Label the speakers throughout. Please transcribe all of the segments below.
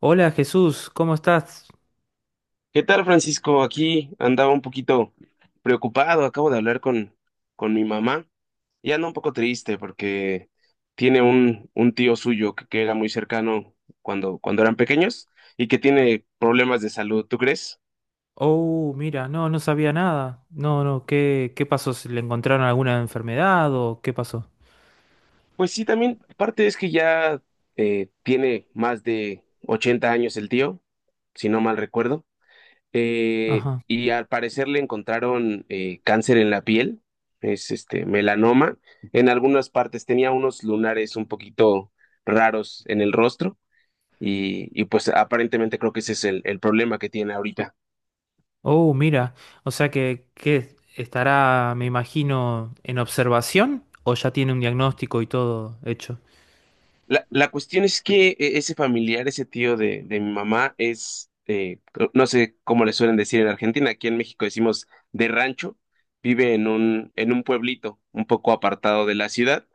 Speaker 1: Hola Jesús, ¿cómo estás?
Speaker 2: ¿Qué tal, Francisco? Aquí andaba un poquito preocupado. Acabo de hablar con mi mamá y anda un poco triste porque tiene un tío suyo que era muy cercano cuando eran pequeños y que tiene problemas de salud. ¿Tú crees?
Speaker 1: Oh, mira, no sabía nada. No, ¿qué pasó? ¿Se ¿Le encontraron alguna enfermedad o qué pasó?
Speaker 2: Pues sí, también parte es que ya tiene más de 80 años el tío, si no mal recuerdo.
Speaker 1: Ajá.
Speaker 2: Y al parecer le encontraron cáncer en la piel, es este melanoma. En algunas partes tenía unos lunares un poquito raros en el rostro y pues aparentemente creo que ese es el problema que tiene ahorita.
Speaker 1: Oh, mira, o sea que estará, me imagino, en observación o ya tiene un diagnóstico y todo hecho.
Speaker 2: La cuestión es que ese familiar, ese tío de mi mamá es, no sé cómo le suelen decir en Argentina, aquí en México decimos de rancho, vive en un pueblito un poco apartado de la ciudad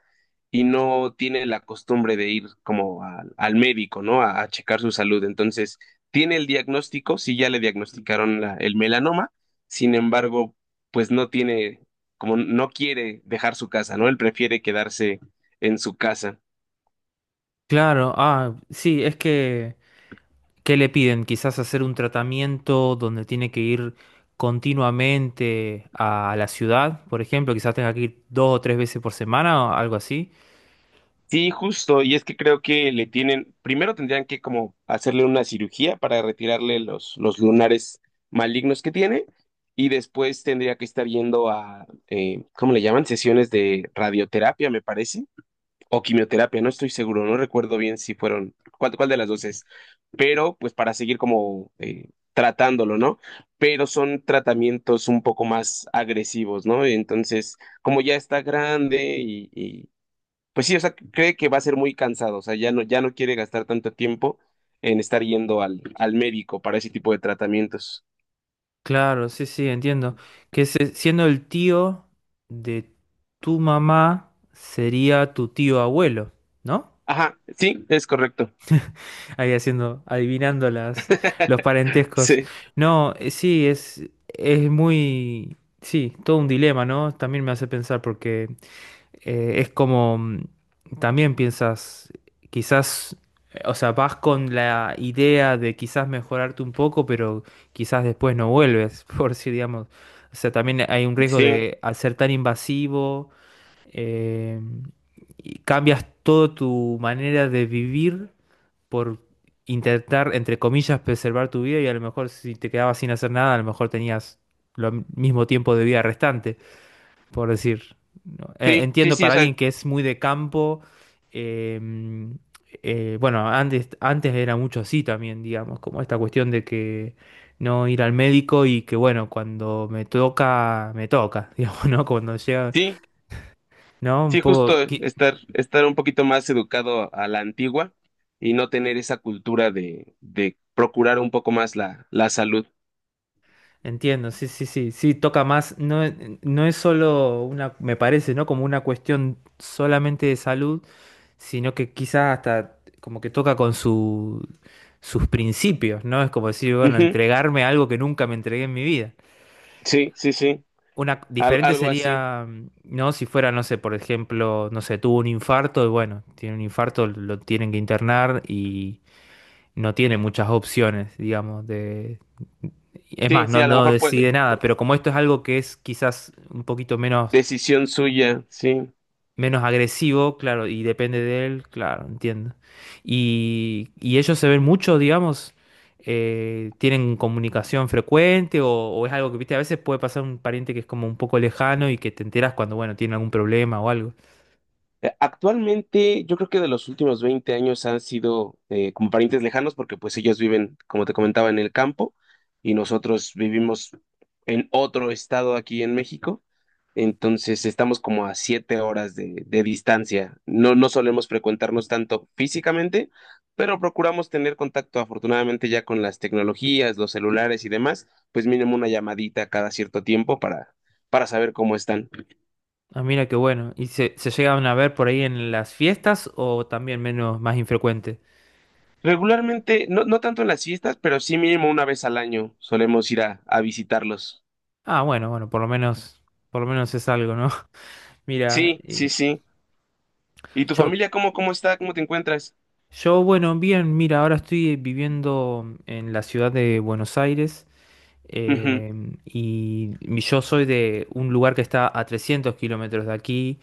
Speaker 2: y no tiene la costumbre de ir como al médico, ¿no? A checar su salud. Entonces, tiene el diagnóstico, sí ya le diagnosticaron el melanoma, sin embargo, pues no tiene, como no quiere dejar su casa, ¿no? Él prefiere quedarse en su casa.
Speaker 1: Claro, ah, sí, es que, ¿qué le piden? Quizás hacer un tratamiento donde tiene que ir continuamente a la ciudad, por ejemplo, quizás tenga que ir dos o tres veces por semana o algo así.
Speaker 2: Sí, justo, y es que creo que le tienen, primero tendrían que como hacerle una cirugía para retirarle los lunares malignos que tiene, y después tendría que estar yendo a, ¿cómo le llaman? Sesiones de radioterapia, me parece, o quimioterapia, no estoy seguro, no recuerdo bien si fueron, cuál de las dos es, pero pues para seguir como tratándolo, ¿no? Pero son tratamientos un poco más agresivos, ¿no? Entonces, como ya está grande y, pues sí, o sea, cree que va a ser muy cansado, o sea, ya no quiere gastar tanto tiempo en estar yendo al médico para ese tipo de tratamientos.
Speaker 1: Claro, sí, sí, entiendo. Siendo el tío de tu mamá, sería tu tío abuelo, ¿no?
Speaker 2: Ajá, sí, es correcto.
Speaker 1: Ahí haciendo, adivinando las, los parentescos.
Speaker 2: Sí,
Speaker 1: No, sí, es muy, sí, todo un dilema, ¿no? También me hace pensar porque es como, también piensas, quizás, o sea, vas con la idea de quizás mejorarte un poco, pero quizás después no vuelves, por si, digamos, o sea, también hay un riesgo
Speaker 2: sí,
Speaker 1: de, al ser tan invasivo, eh, y cambias toda tu manera de vivir por intentar, entre comillas, preservar tu vida y a lo mejor si te quedabas sin hacer nada, a lo mejor tenías lo mismo tiempo de vida restante por decir. ¿No?
Speaker 2: sí, sí,
Speaker 1: Entiendo
Speaker 2: sí, o
Speaker 1: para
Speaker 2: sea,
Speaker 1: alguien que es muy de campo, eh, bueno, antes era mucho así también, digamos, como esta cuestión de que no ir al médico y que bueno, cuando me toca, digamos, ¿no? Cuando llega,
Speaker 2: sí,
Speaker 1: ¿no? Un
Speaker 2: sí,
Speaker 1: poco,
Speaker 2: justo estar un poquito más educado a la antigua y no tener esa cultura de procurar un poco más la salud.
Speaker 1: entiendo, sí, sí, sí, sí, toca más, no es solo una, me parece, ¿no? Como una cuestión solamente de salud, sino que quizás hasta como que toca con su, sus principios, ¿no? Es como decir, bueno,
Speaker 2: Ujú.
Speaker 1: entregarme a algo que nunca me entregué en mi vida.
Speaker 2: Sí, sí, sí,
Speaker 1: Una diferente
Speaker 2: algo así.
Speaker 1: sería, ¿no? Si fuera, no sé, por ejemplo, no sé, tuvo un infarto y bueno, tiene un infarto, lo tienen que internar y no tiene muchas opciones, digamos, de... Es
Speaker 2: Sí,
Speaker 1: más,
Speaker 2: sí,
Speaker 1: no,
Speaker 2: a lo
Speaker 1: no
Speaker 2: mejor pues
Speaker 1: decide nada, pero como esto es algo que es quizás un poquito menos
Speaker 2: decisión suya, sí.
Speaker 1: menos agresivo, claro, y depende de él, claro, entiendo. Y ellos se ven mucho, digamos, tienen comunicación frecuente o es algo que, viste, a veces puede pasar un pariente que es como un poco lejano y que te enteras cuando, bueno, tiene algún problema o algo.
Speaker 2: Actualmente, yo creo que de los últimos 20 años han sido como parientes lejanos porque pues ellos viven, como te comentaba, en el campo y nosotros vivimos en otro estado aquí en México. Entonces estamos como a 7 horas de distancia. No, no solemos frecuentarnos tanto físicamente, pero procuramos tener contacto afortunadamente ya con las tecnologías, los celulares y demás, pues mínimo una llamadita cada cierto tiempo para saber cómo están.
Speaker 1: Ah, mira qué bueno. ¿Y se llegan a ver por ahí en las fiestas o también menos, más infrecuente?
Speaker 2: Regularmente, no, no tanto en las fiestas, pero sí mínimo una vez al año solemos ir a visitarlos.
Speaker 1: Ah, bueno, bueno, por lo menos es algo, ¿no? Mira,
Speaker 2: Sí, sí,
Speaker 1: y-
Speaker 2: sí. ¿Y tu
Speaker 1: yo
Speaker 2: familia cómo está? ¿Cómo te encuentras?
Speaker 1: yo, bueno, bien, mira, ahora estoy viviendo en la ciudad de Buenos Aires
Speaker 2: Ujú,
Speaker 1: eh, yo soy de un lugar que está a 300 kilómetros de aquí,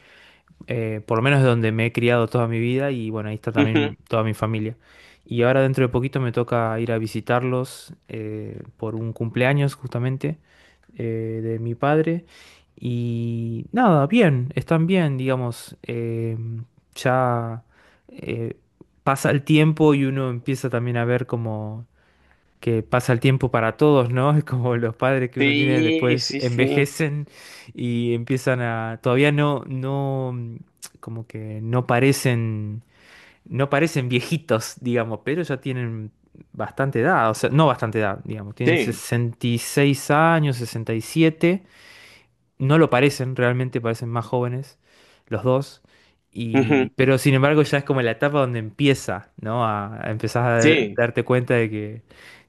Speaker 1: por lo menos es donde me he criado toda mi vida y bueno, ahí está
Speaker 2: ujú.
Speaker 1: también toda mi familia. Y ahora dentro de poquito me toca ir a visitarlos por un cumpleaños justamente de mi padre. Y nada, bien, están bien, digamos, ya eh, pasa el tiempo y uno empieza también a ver como que pasa el tiempo para todos, ¿no? Es como los padres que uno tiene
Speaker 2: Sí,
Speaker 1: después
Speaker 2: sí, sí.
Speaker 1: envejecen y empiezan a, todavía como que no parecen, no parecen viejitos, digamos, pero ya tienen bastante edad, o sea, no bastante edad, digamos, tienen
Speaker 2: Sí,
Speaker 1: 66 años, 67. No lo parecen, realmente parecen más jóvenes los dos. Y,
Speaker 2: ujú.
Speaker 1: pero sin embargo ya es como la etapa donde empieza, ¿no? A empezar a
Speaker 2: Sí,
Speaker 1: darte cuenta de que,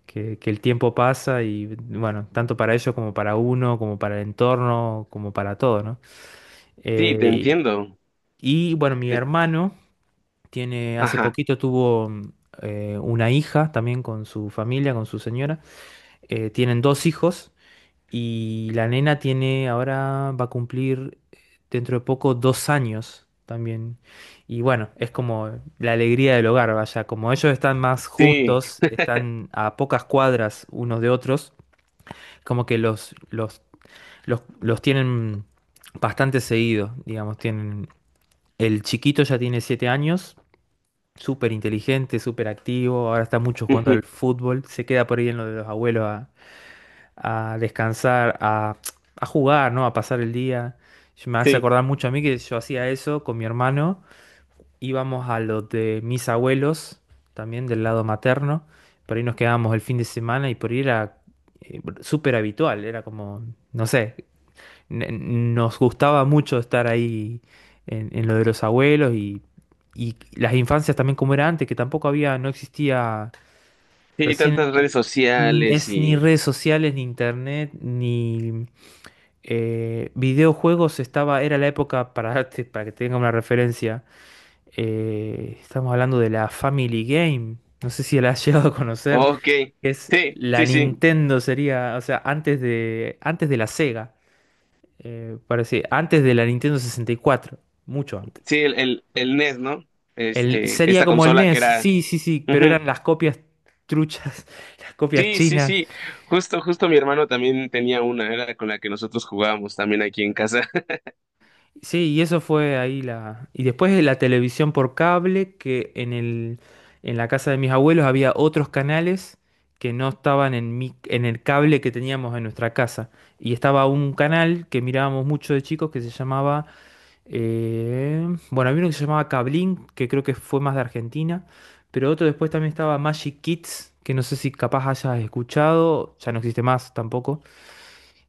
Speaker 1: que el tiempo pasa y bueno, tanto para ellos como para uno, como para el entorno, como para todo, ¿no?
Speaker 2: sí, te
Speaker 1: Eh,
Speaker 2: entiendo.
Speaker 1: y bueno, mi
Speaker 2: Te-
Speaker 1: hermano tiene, hace
Speaker 2: Ajá,
Speaker 1: poquito tuvo una hija también con su familia, con su señora. Tienen dos hijos. Y la nena tiene ahora, va a cumplir dentro de poco dos años también. Y bueno, es como la alegría del hogar, vaya. Como ellos están más
Speaker 2: sí,
Speaker 1: juntos, están a pocas cuadras unos de otros, como que los tienen bastante seguidos digamos. Tienen, el chiquito ya tiene siete años, súper inteligente, súper activo, ahora está mucho jugando al
Speaker 2: ujú.
Speaker 1: fútbol, se queda por ahí en lo de los abuelos a descansar, a jugar, ¿no? A pasar el día. Me hace
Speaker 2: Sí,
Speaker 1: acordar mucho a mí que yo hacía eso con mi hermano. Íbamos a los de mis abuelos, también del lado materno. Por ahí nos quedábamos el fin de semana y por ahí era súper habitual. Era como, no sé, n- nos gustaba mucho estar ahí en lo de los abuelos y las infancias también como era antes, que tampoco había, no existía
Speaker 2: sí,
Speaker 1: recién...
Speaker 2: tantas redes sociales
Speaker 1: Es ni
Speaker 2: y...
Speaker 1: redes sociales, ni internet, ni videojuegos estaba, era la época, para, para que tengan una referencia, estamos hablando de la Family Game, no sé si la has llegado a conocer,
Speaker 2: Ok,
Speaker 1: que es
Speaker 2: sí,
Speaker 1: la
Speaker 2: sí, sí.
Speaker 1: Nintendo sería, o sea, antes de la Sega, parece, antes de la Nintendo 64, mucho antes.
Speaker 2: Sí, el NES, ¿no?
Speaker 1: El, sería
Speaker 2: Esta
Speaker 1: como el
Speaker 2: consola que
Speaker 1: NES,
Speaker 2: era...
Speaker 1: sí, sí, sí, pero
Speaker 2: Ujú.
Speaker 1: eran las copias truchas, las copias
Speaker 2: Sí, sí,
Speaker 1: chinas.
Speaker 2: sí. Justo mi hermano también tenía una, era con la que nosotros jugábamos también aquí en casa.
Speaker 1: Sí, y eso fue ahí la... Y después de la televisión por cable, que en el, en la casa de mis abuelos había otros canales que no estaban en mi, en el cable que teníamos en nuestra casa. Y estaba un canal que mirábamos mucho de chicos que se llamaba... bueno, había uno que se llamaba Cablín, que creo que fue más de Argentina. Pero otro después también estaba Magic Kids, que no sé si capaz hayas escuchado, ya no existe más tampoco.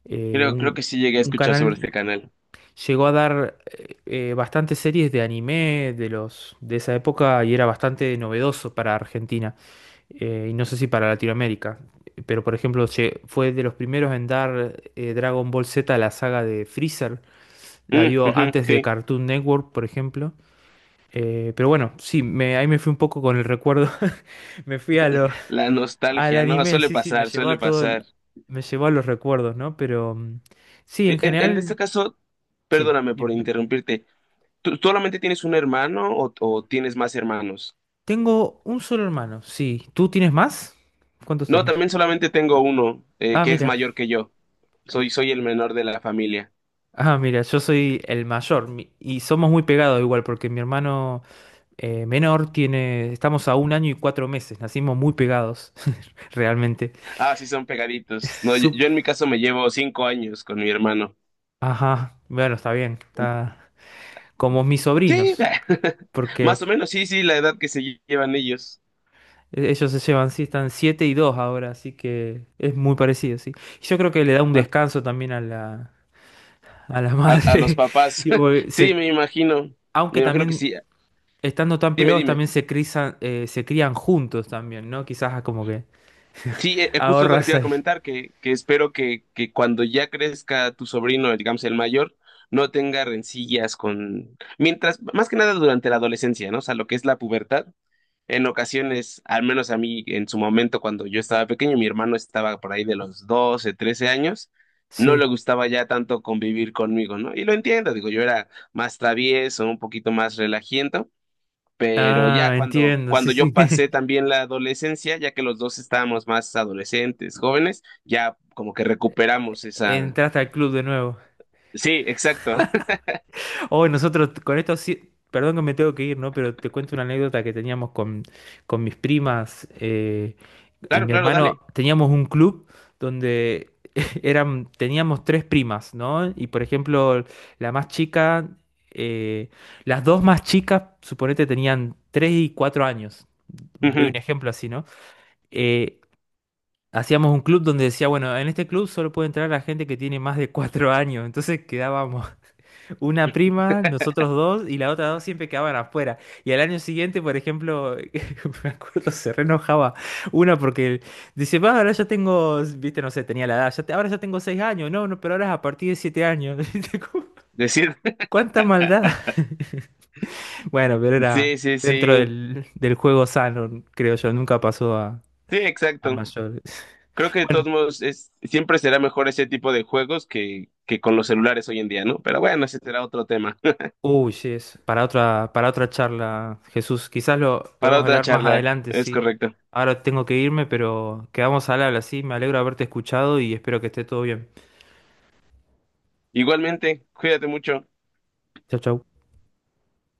Speaker 1: eh,
Speaker 2: Creo
Speaker 1: un,
Speaker 2: que sí llegué a
Speaker 1: un
Speaker 2: escuchar sobre
Speaker 1: canal...
Speaker 2: este canal.
Speaker 1: Llegó a dar bastantes series de anime de los de esa época y era bastante novedoso para Argentina y no sé si para Latinoamérica. Pero por ejemplo, fue de los primeros en dar Dragon Ball Z, la saga de Freezer. La
Speaker 2: Mm,
Speaker 1: dio
Speaker 2: ujú,
Speaker 1: antes de
Speaker 2: sí,
Speaker 1: Cartoon Network, por ejemplo. Pero bueno, sí, me, ahí me fui un poco con el recuerdo. Me fui a lo,
Speaker 2: la
Speaker 1: al
Speaker 2: nostalgia, ¿no?
Speaker 1: anime,
Speaker 2: Suele
Speaker 1: sí, sí, me
Speaker 2: pasar,
Speaker 1: llevó
Speaker 2: suele
Speaker 1: a todo,
Speaker 2: pasar.
Speaker 1: me llevó a los recuerdos, ¿no? Pero sí, en
Speaker 2: En este
Speaker 1: general,
Speaker 2: caso,
Speaker 1: sí,
Speaker 2: perdóname por
Speaker 1: dime.
Speaker 2: interrumpirte. ¿Tú solamente tienes un hermano o tienes más hermanos?
Speaker 1: Tengo un solo hermano, sí. ¿Tú tienes más? ¿Cuántos
Speaker 2: No,
Speaker 1: tienes?
Speaker 2: también solamente tengo uno,
Speaker 1: Ah,
Speaker 2: que es
Speaker 1: mira.
Speaker 2: mayor que yo. Soy el menor de la familia.
Speaker 1: Ah, mira, yo soy el mayor y somos muy pegados igual porque mi hermano menor tiene, estamos a un año y cuatro meses, nacimos muy pegados, realmente.
Speaker 2: Ah, sí, son pegaditos. No, yo en
Speaker 1: Sup-
Speaker 2: mi caso me llevo 5 años con mi hermano.
Speaker 1: Ajá, bueno, está bien, está como mis
Speaker 2: Sí,
Speaker 1: sobrinos,
Speaker 2: más
Speaker 1: porque
Speaker 2: o menos, sí, sí, la edad que se llevan ellos.
Speaker 1: ellos se llevan, sí, están siete y dos ahora, así que es muy parecido, sí. Y yo creo que le da un
Speaker 2: Bueno,
Speaker 1: descanso también a la
Speaker 2: a los
Speaker 1: madre,
Speaker 2: papás.
Speaker 1: digo, porque
Speaker 2: Sí,
Speaker 1: aunque
Speaker 2: me imagino que
Speaker 1: también
Speaker 2: sí.
Speaker 1: estando tan
Speaker 2: Dime,
Speaker 1: pegados
Speaker 2: dime.
Speaker 1: también se crizan, se crían juntos también, ¿no? Quizás como que
Speaker 2: Sí, justo es lo que te
Speaker 1: ahorras
Speaker 2: iba a
Speaker 1: ahí.
Speaker 2: comentar, que espero que cuando ya crezca tu sobrino, digamos el mayor, no tenga rencillas con... Mientras, más que nada durante la adolescencia, ¿no? O sea, lo que es la pubertad. En ocasiones, al menos a mí en su momento cuando yo estaba pequeño, mi hermano estaba por ahí de los 12, 13 años, no
Speaker 1: Sí.
Speaker 2: le gustaba ya tanto convivir conmigo, ¿no? Y lo entiendo, digo, yo era más travieso, un poquito más relajiento, pero
Speaker 1: Ah,
Speaker 2: ya
Speaker 1: entiendo, sí,
Speaker 2: cuando yo
Speaker 1: sí.
Speaker 2: pasé también la adolescencia, ya que los dos estábamos más adolescentes, jóvenes, ya como que recuperamos esa...
Speaker 1: Entraste al club de nuevo.
Speaker 2: Sí, exacto.
Speaker 1: Hoy nosotros con esto sí, perdón que me tengo que ir, ¿no? Pero te cuento una anécdota que teníamos con mis primas. Y
Speaker 2: Claro,
Speaker 1: mi
Speaker 2: claro,
Speaker 1: hermano,
Speaker 2: dale.
Speaker 1: teníamos un club donde eran, teníamos tres primas, ¿no? Y por ejemplo, la más chica, eh, las dos más chicas, suponete, tenían tres y cuatro años. Doy un ejemplo así, ¿no? Eh, hacíamos un club donde decía, bueno, en este club solo puede entrar la gente que tiene más de cuatro años. Entonces quedábamos una prima, nosotros dos, y la otra dos siempre quedaban afuera. Y al año siguiente, por ejemplo, me acuerdo, se re enojaba una porque dice, va, ahora ya tengo, viste, no sé, tenía la edad, ahora ya tengo seis años, no, no, pero ahora es a partir de siete años. ¿Viste? Como,
Speaker 2: Decir,
Speaker 1: ¿cuánta maldad? Bueno, pero era
Speaker 2: sí, sí,
Speaker 1: dentro
Speaker 2: sí.
Speaker 1: del, del juego sano, creo yo, nunca pasó
Speaker 2: Sí,
Speaker 1: a
Speaker 2: exacto.
Speaker 1: mayores.
Speaker 2: Creo que de todos modos es, siempre será mejor ese tipo de juegos que con los celulares hoy en día, ¿no? Pero bueno, ese será otro tema.
Speaker 1: Uy, sí, es para otra charla, Jesús. Quizás lo
Speaker 2: Para
Speaker 1: podemos
Speaker 2: otra
Speaker 1: hablar más
Speaker 2: charla,
Speaker 1: adelante,
Speaker 2: es
Speaker 1: sí.
Speaker 2: correcto.
Speaker 1: Ahora tengo que irme, pero quedamos al habla, sí. Me alegro de haberte escuchado y espero que esté todo bien.
Speaker 2: Igualmente, cuídate mucho.
Speaker 1: Chau, chau.